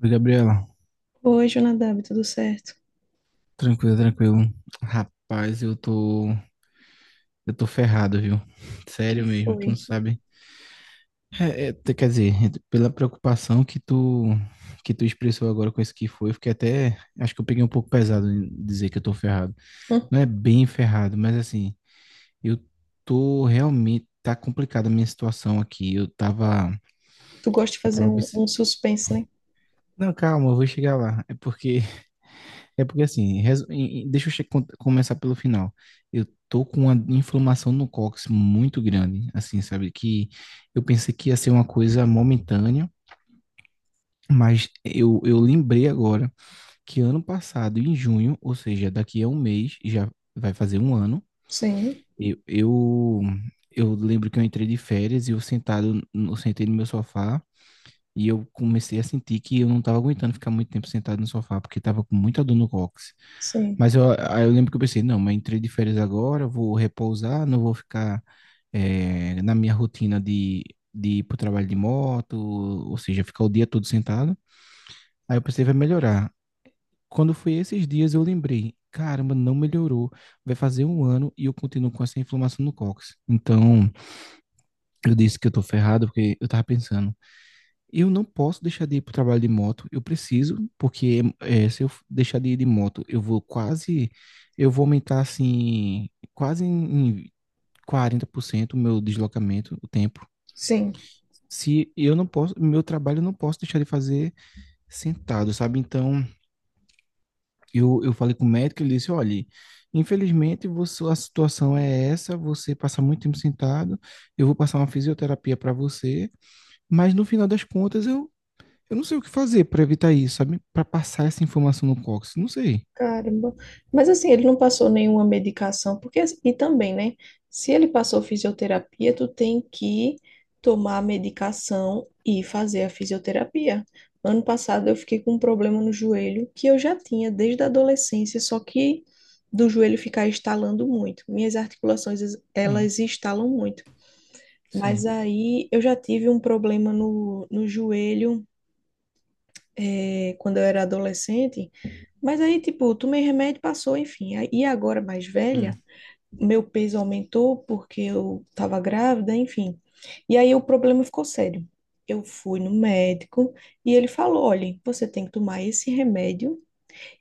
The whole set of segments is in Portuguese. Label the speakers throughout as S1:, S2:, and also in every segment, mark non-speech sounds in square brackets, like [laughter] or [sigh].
S1: Oi, Gabriela.
S2: Oi, Jonadab, tudo certo? O
S1: Tranquilo, tranquilo. Rapaz, eu tô ferrado, viu?
S2: Que
S1: Sério mesmo,
S2: foi?
S1: tu não sabe. Quer dizer, pela preocupação que tu expressou agora com isso que foi, eu fiquei até, acho que eu peguei um pouco pesado em dizer que eu tô ferrado.
S2: Hum,
S1: Não é bem ferrado, mas assim, eu tô realmente, tá complicada a minha situação aqui.
S2: tu gosta de
S1: Eu tava,
S2: fazer um
S1: obs-
S2: suspense, né?
S1: não, calma, eu vou chegar lá. É porque assim, resu- em- em- deixa eu che- con- começar pelo final. Eu tô com uma inflamação no cóccix muito grande, assim, sabe? Que eu pensei que ia ser uma coisa momentânea, mas eu lembrei agora que ano passado, em junho, ou seja, daqui a um mês, já vai fazer um ano,
S2: Sim,
S1: eu, eu, eu lembro que eu entrei de férias e eu sentei no meu sofá. E eu comecei a sentir que eu não estava aguentando ficar muito tempo sentado no sofá, porque estava com muita dor no cóccix.
S2: sim,
S1: Mas aí eu lembro que eu pensei, não, mas entrei de férias agora, vou repousar, não vou ficar na minha rotina de ir para o trabalho de moto, ou seja, ficar o dia todo sentado. Aí eu pensei, vai melhorar. Quando foi esses dias, eu lembrei, caramba, não melhorou. Vai fazer um ano e eu continuo com essa inflamação no cóccix. Então, eu disse que eu tô ferrado, porque eu tava pensando. Eu não posso deixar de ir para o trabalho de moto. Eu preciso, porque se eu deixar de ir de moto, eu vou quase, eu vou aumentar assim, quase em 40% o meu deslocamento, o tempo.
S2: sim.
S1: Se eu não posso, meu trabalho eu não posso deixar de fazer sentado, sabe? Então, eu falei com o médico, ele disse, olha, infelizmente você, a situação é essa, você passa muito tempo sentado, eu vou passar uma fisioterapia para você, mas no final das contas eu não sei o que fazer para evitar isso, sabe? Para passar essa informação no Cox. Não sei.
S2: Caramba. Mas assim, ele não passou nenhuma medicação, porque e também, né? Se ele passou fisioterapia, tu tem que tomar a medicação e fazer a fisioterapia. Ano passado eu fiquei com um problema no joelho que eu já tinha desde a adolescência, só que do joelho ficar estalando muito. Minhas articulações,
S1: Hum,
S2: elas estalam muito. Mas
S1: sim.
S2: aí eu já tive um problema no joelho, eh, quando eu era adolescente. Mas aí, tipo, tomei remédio, passou, enfim. Aí- E agora, mais velha,
S1: Hum,
S2: meu peso aumentou porque eu tava grávida, enfim. E aí o problema ficou sério. Eu fui no médico e ele falou: olha, você tem que tomar esse remédio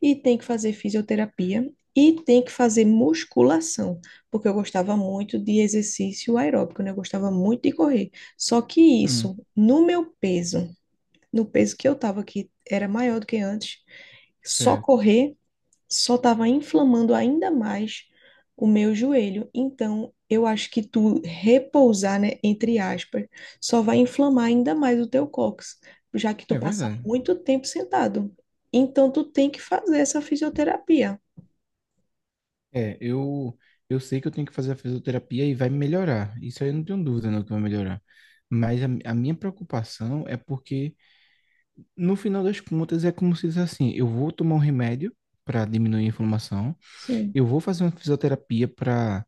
S2: e tem que fazer fisioterapia e tem que fazer musculação, porque eu gostava muito de exercício aeróbico, né? Eu gostava muito de correr. Só que
S1: hum,
S2: isso, no meu peso, no peso que eu tava, que era maior do que antes, só
S1: certo.
S2: correr só estava inflamando ainda mais o meu joelho. Então, eu acho que tu repousar, né, entre aspas, só vai inflamar ainda mais o teu cóccix, já que tu
S1: É
S2: passa
S1: verdade.
S2: muito tempo sentado. Então, tu tem que fazer essa fisioterapia.
S1: É, eu sei que eu tenho que fazer a fisioterapia e vai melhorar. Isso aí eu não tenho dúvida não que vai melhorar. Mas a minha preocupação é porque, no final das contas, é como se diz assim: eu vou tomar um remédio para diminuir a inflamação,
S2: Sim,
S1: eu vou fazer uma fisioterapia para.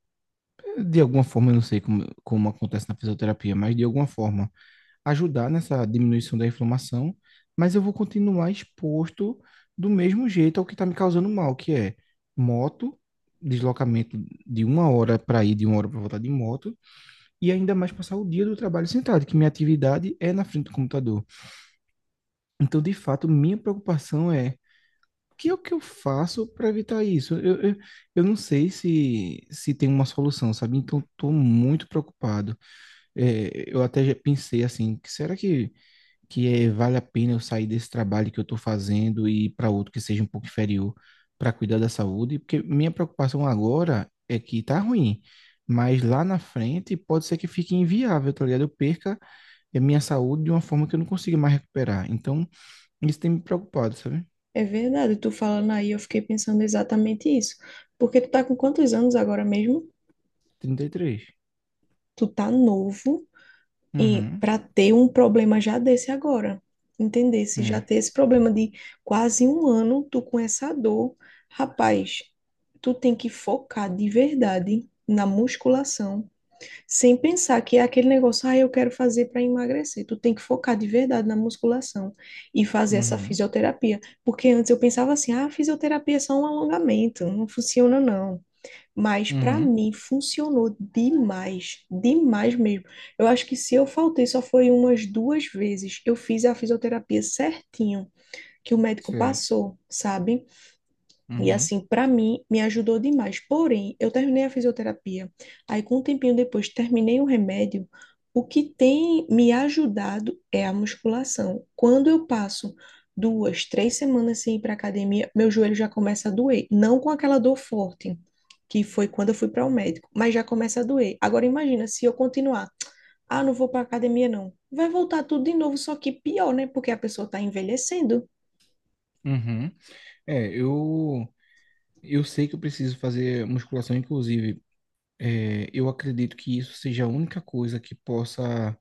S1: De alguma forma, eu não sei como, como acontece na fisioterapia, mas de alguma forma ajudar nessa diminuição da inflamação, mas eu vou continuar exposto do mesmo jeito ao que está me causando mal, que é moto, deslocamento de uma hora para ir, de uma hora para voltar de moto, e ainda mais passar o dia do trabalho sentado, que minha atividade é na frente do computador. Então, de fato, minha preocupação é o que eu faço para evitar isso? Eu não sei se tem uma solução, sabe? Então, estou muito preocupado. É, eu até já pensei assim, que será que vale a pena eu sair desse trabalho que eu estou fazendo e ir para outro que seja um pouco inferior para cuidar da saúde, porque minha preocupação agora é que tá ruim, mas lá na frente pode ser que fique inviável, tá ligado? Eu perca a minha saúde de uma forma que eu não consiga mais recuperar. Então, isso tem me preocupado, sabe?
S2: é verdade. Tu falando aí, eu fiquei pensando exatamente isso. Porque tu tá com quantos anos agora mesmo?
S1: 33.
S2: Tu tá novo. E
S1: Uhum.
S2: para ter um problema já desse agora, entender se já
S1: É.
S2: ter esse problema de quase um ano, tu com essa dor, rapaz, tu tem que focar de verdade na musculação, sem pensar que é aquele negócio, ah, eu quero fazer para emagrecer. Tu tem que focar de verdade na musculação e fazer essa
S1: Uhum.
S2: fisioterapia, porque antes eu pensava assim, ah, fisioterapia é só um alongamento, não funciona não. Mas para
S1: Uhum.
S2: mim funcionou demais, demais mesmo. Eu acho que se eu faltei só foi umas duas vezes. Eu fiz a fisioterapia certinho que o médico
S1: Certo.
S2: passou, sabe? E
S1: Uhum.
S2: assim, para mim, me ajudou demais. Porém, eu terminei a fisioterapia. Aí, com um tempinho depois, terminei o remédio. O que tem me ajudado é a musculação. Quando eu passo duas, três semanas sem ir para academia, meu joelho já começa a doer. Não com aquela dor forte, que foi quando eu fui para o médico, mas já começa a doer. Agora, imagina se eu continuar. Ah, não vou para academia, não. Vai voltar tudo de novo, só que pior, né? Porque a pessoa está envelhecendo.
S1: Uhum. É, eu sei que eu preciso fazer musculação, inclusive é, eu acredito que isso seja a única coisa que possa,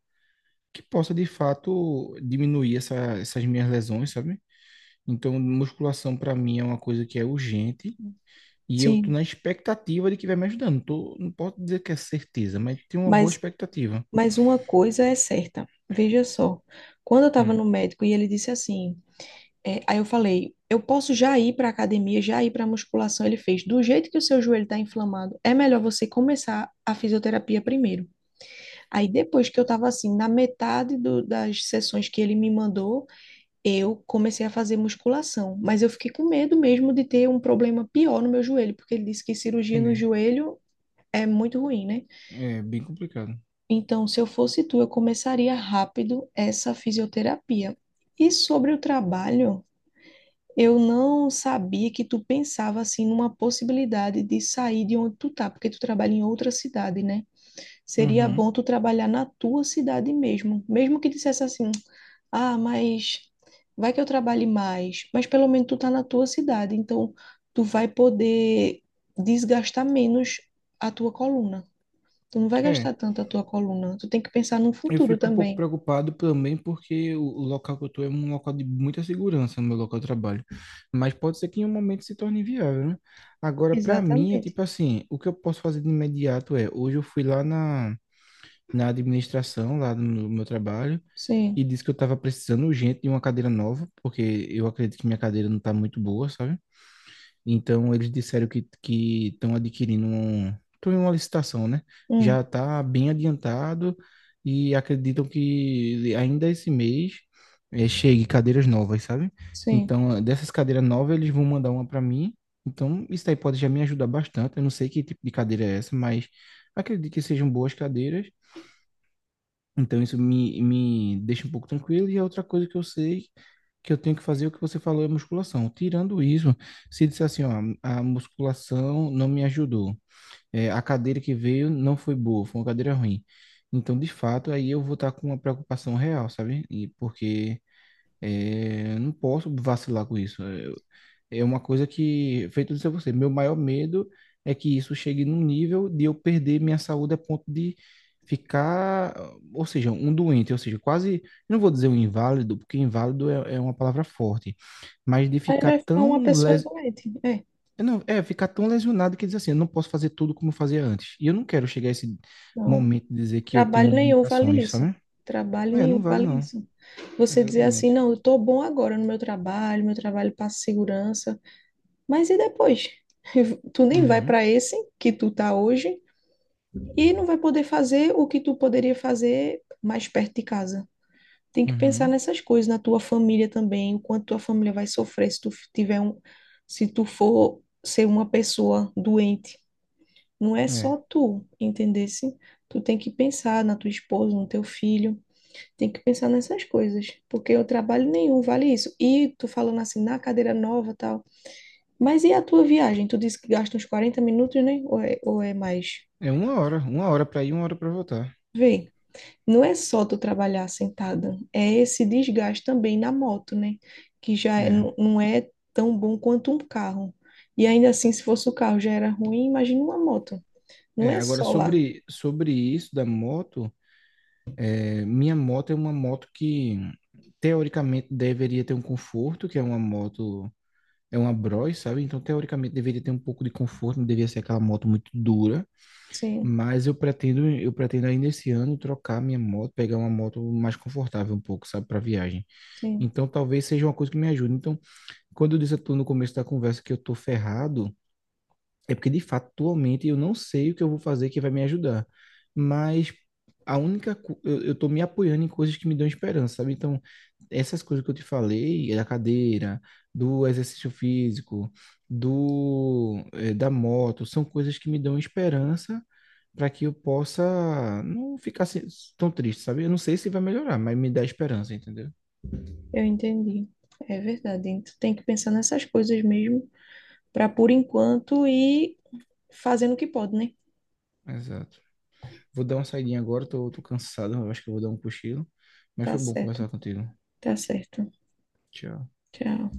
S1: que possa de fato diminuir essas minhas lesões, sabe? Então, musculação para mim é uma coisa que é urgente e eu tô
S2: Sim.
S1: na expectativa de que vai me ajudando. Tô, não posso dizer que é certeza, mas tenho uma boa
S2: Mas
S1: expectativa.
S2: Mas uma coisa é certa, veja só. Quando eu estava no
S1: Hum,
S2: médico e ele disse assim, é, aí eu falei, eu posso já ir para academia, já ir para musculação. Ele fez, do jeito que o seu joelho está inflamado, é melhor você começar a fisioterapia primeiro. Aí depois que eu estava assim, na metade do- das sessões que ele me mandou, eu comecei a fazer musculação. Mas eu fiquei com medo mesmo de ter um problema pior no meu joelho, porque ele disse que cirurgia no
S1: entendi.
S2: joelho é muito ruim, né?
S1: É bem complicado.
S2: Então, se eu fosse tu, eu começaria rápido essa fisioterapia. E sobre o trabalho, eu não sabia que tu pensava assim numa possibilidade de sair de onde tu tá, porque tu trabalha em outra cidade, né? Seria bom
S1: Uhum.
S2: tu trabalhar na tua cidade mesmo, mesmo que dissesse assim: "Ah, mas vai que eu trabalhe mais", mas pelo menos tu tá na tua cidade, então tu vai poder desgastar menos a tua coluna. Tu não vai
S1: É.
S2: gastar tanto a tua coluna. Tu tem que pensar no
S1: Eu
S2: futuro
S1: fico um pouco
S2: também.
S1: preocupado também porque o local que eu estou é um local de muita segurança no meu local de trabalho. Mas pode ser que em um momento se torne inviável, né? Agora, para mim, é
S2: Exatamente.
S1: tipo assim, o que eu posso fazer de imediato é, hoje eu fui lá na, administração, lá no meu trabalho,
S2: Sim.
S1: e disse que eu estava precisando urgente de uma cadeira nova, porque eu acredito que minha cadeira não está muito boa, sabe? Então eles disseram que estão adquirindo um, estão em uma licitação, né? Já
S2: Hum,
S1: está bem adiantado e acreditam que ainda esse mês chegue cadeiras novas, sabe?
S2: sim.
S1: Então dessas cadeiras novas eles vão mandar uma para mim. Então isso aí pode já me ajudar bastante. Eu não sei que tipo de cadeira é essa, mas acredito que sejam boas cadeiras então isso me deixa um pouco tranquilo. E a outra coisa que eu sei que eu tenho que fazer, o que você falou, é musculação. Tirando isso, se disser assim, ó, a musculação não me ajudou, é, a cadeira que veio não foi boa, foi uma cadeira ruim. Então, de fato, aí eu vou estar com uma preocupação real, sabe? E porque é, eu não posso vacilar com isso. É uma coisa que, feito isso a você, meu maior medo é que isso chegue num nível de eu perder minha saúde a ponto de ficar, ou seja, um doente, ou seja, quase, eu não vou dizer um inválido, porque inválido é uma palavra forte, mas de
S2: Aí vai ficar uma pessoa doente. É.
S1: não, é, ficar tão lesionado que diz assim, eu não posso fazer tudo como eu fazia antes. E eu não quero chegar a esse
S2: Não.
S1: momento de dizer que eu tenho
S2: Trabalho nenhum vale
S1: limitações,
S2: isso.
S1: sabe?
S2: Trabalho
S1: É, não
S2: nenhum
S1: vale
S2: vale
S1: não.
S2: isso. Você dizer assim,
S1: Exatamente.
S2: não, eu tô bom agora no meu trabalho passa segurança. Mas e depois? [laughs] Tu nem vai para
S1: Uhum,
S2: esse que tu tá hoje e não vai poder fazer o que tu poderia fazer mais perto de casa. Tem que pensar
S1: uhum.
S2: nessas coisas, na tua família também, o quanto tua família vai sofrer se tu f- tiver um, se tu for ser uma pessoa doente. Não é só
S1: É.
S2: tu, entendesse? Tu tem que pensar na tua esposa, no teu filho, tem que pensar nessas coisas, porque o trabalho nenhum vale isso. E tu falando assim, na cadeira nova, tal. Mas e a tua viagem? Tu disse que gasta uns 40 minutos, né? Ou é mais?
S1: É uma hora para ir, uma hora para voltar.
S2: Vê. Não é só tu trabalhar sentada, é esse desgaste também na moto, né? Que já é-
S1: É.
S2: não é tão bom quanto um carro. E ainda assim, se fosse o carro já era ruim, imagina uma moto. Não
S1: É,
S2: é
S1: agora
S2: só lá.
S1: sobre isso da moto, minha moto é uma moto que teoricamente deveria ter um conforto, que é uma moto, é uma Bros, sabe? Então teoricamente deveria ter um pouco de conforto, não deveria ser aquela moto muito dura,
S2: Sim,
S1: mas eu pretendo ainda esse ano trocar minha moto, pegar uma moto mais confortável um pouco, sabe, para viagem.
S2: sim,
S1: Então talvez seja uma coisa que me ajude. Então, quando eu disse a tu no começo da conversa que eu tô ferrado, é porque, de fato, atualmente eu não sei o que eu vou fazer que vai me ajudar. Mas a única. Co- eu tô me apoiando em coisas que me dão esperança, sabe? Então, essas coisas que eu te falei, da cadeira, do exercício físico, da moto, são coisas que me dão esperança para que eu possa não ficar tão triste, sabe? Eu não sei se vai melhorar, mas me dá esperança, entendeu?
S2: eu entendi. É verdade. Hein? Tu tem que pensar nessas coisas mesmo, para por enquanto ir fazendo o que pode, né?
S1: Exato. Vou dar uma saidinha agora, tô cansado, eu acho que eu vou dar um cochilo. Mas
S2: Tá
S1: foi bom
S2: certo,
S1: conversar contigo.
S2: tá certo.
S1: Tchau.
S2: Tchau.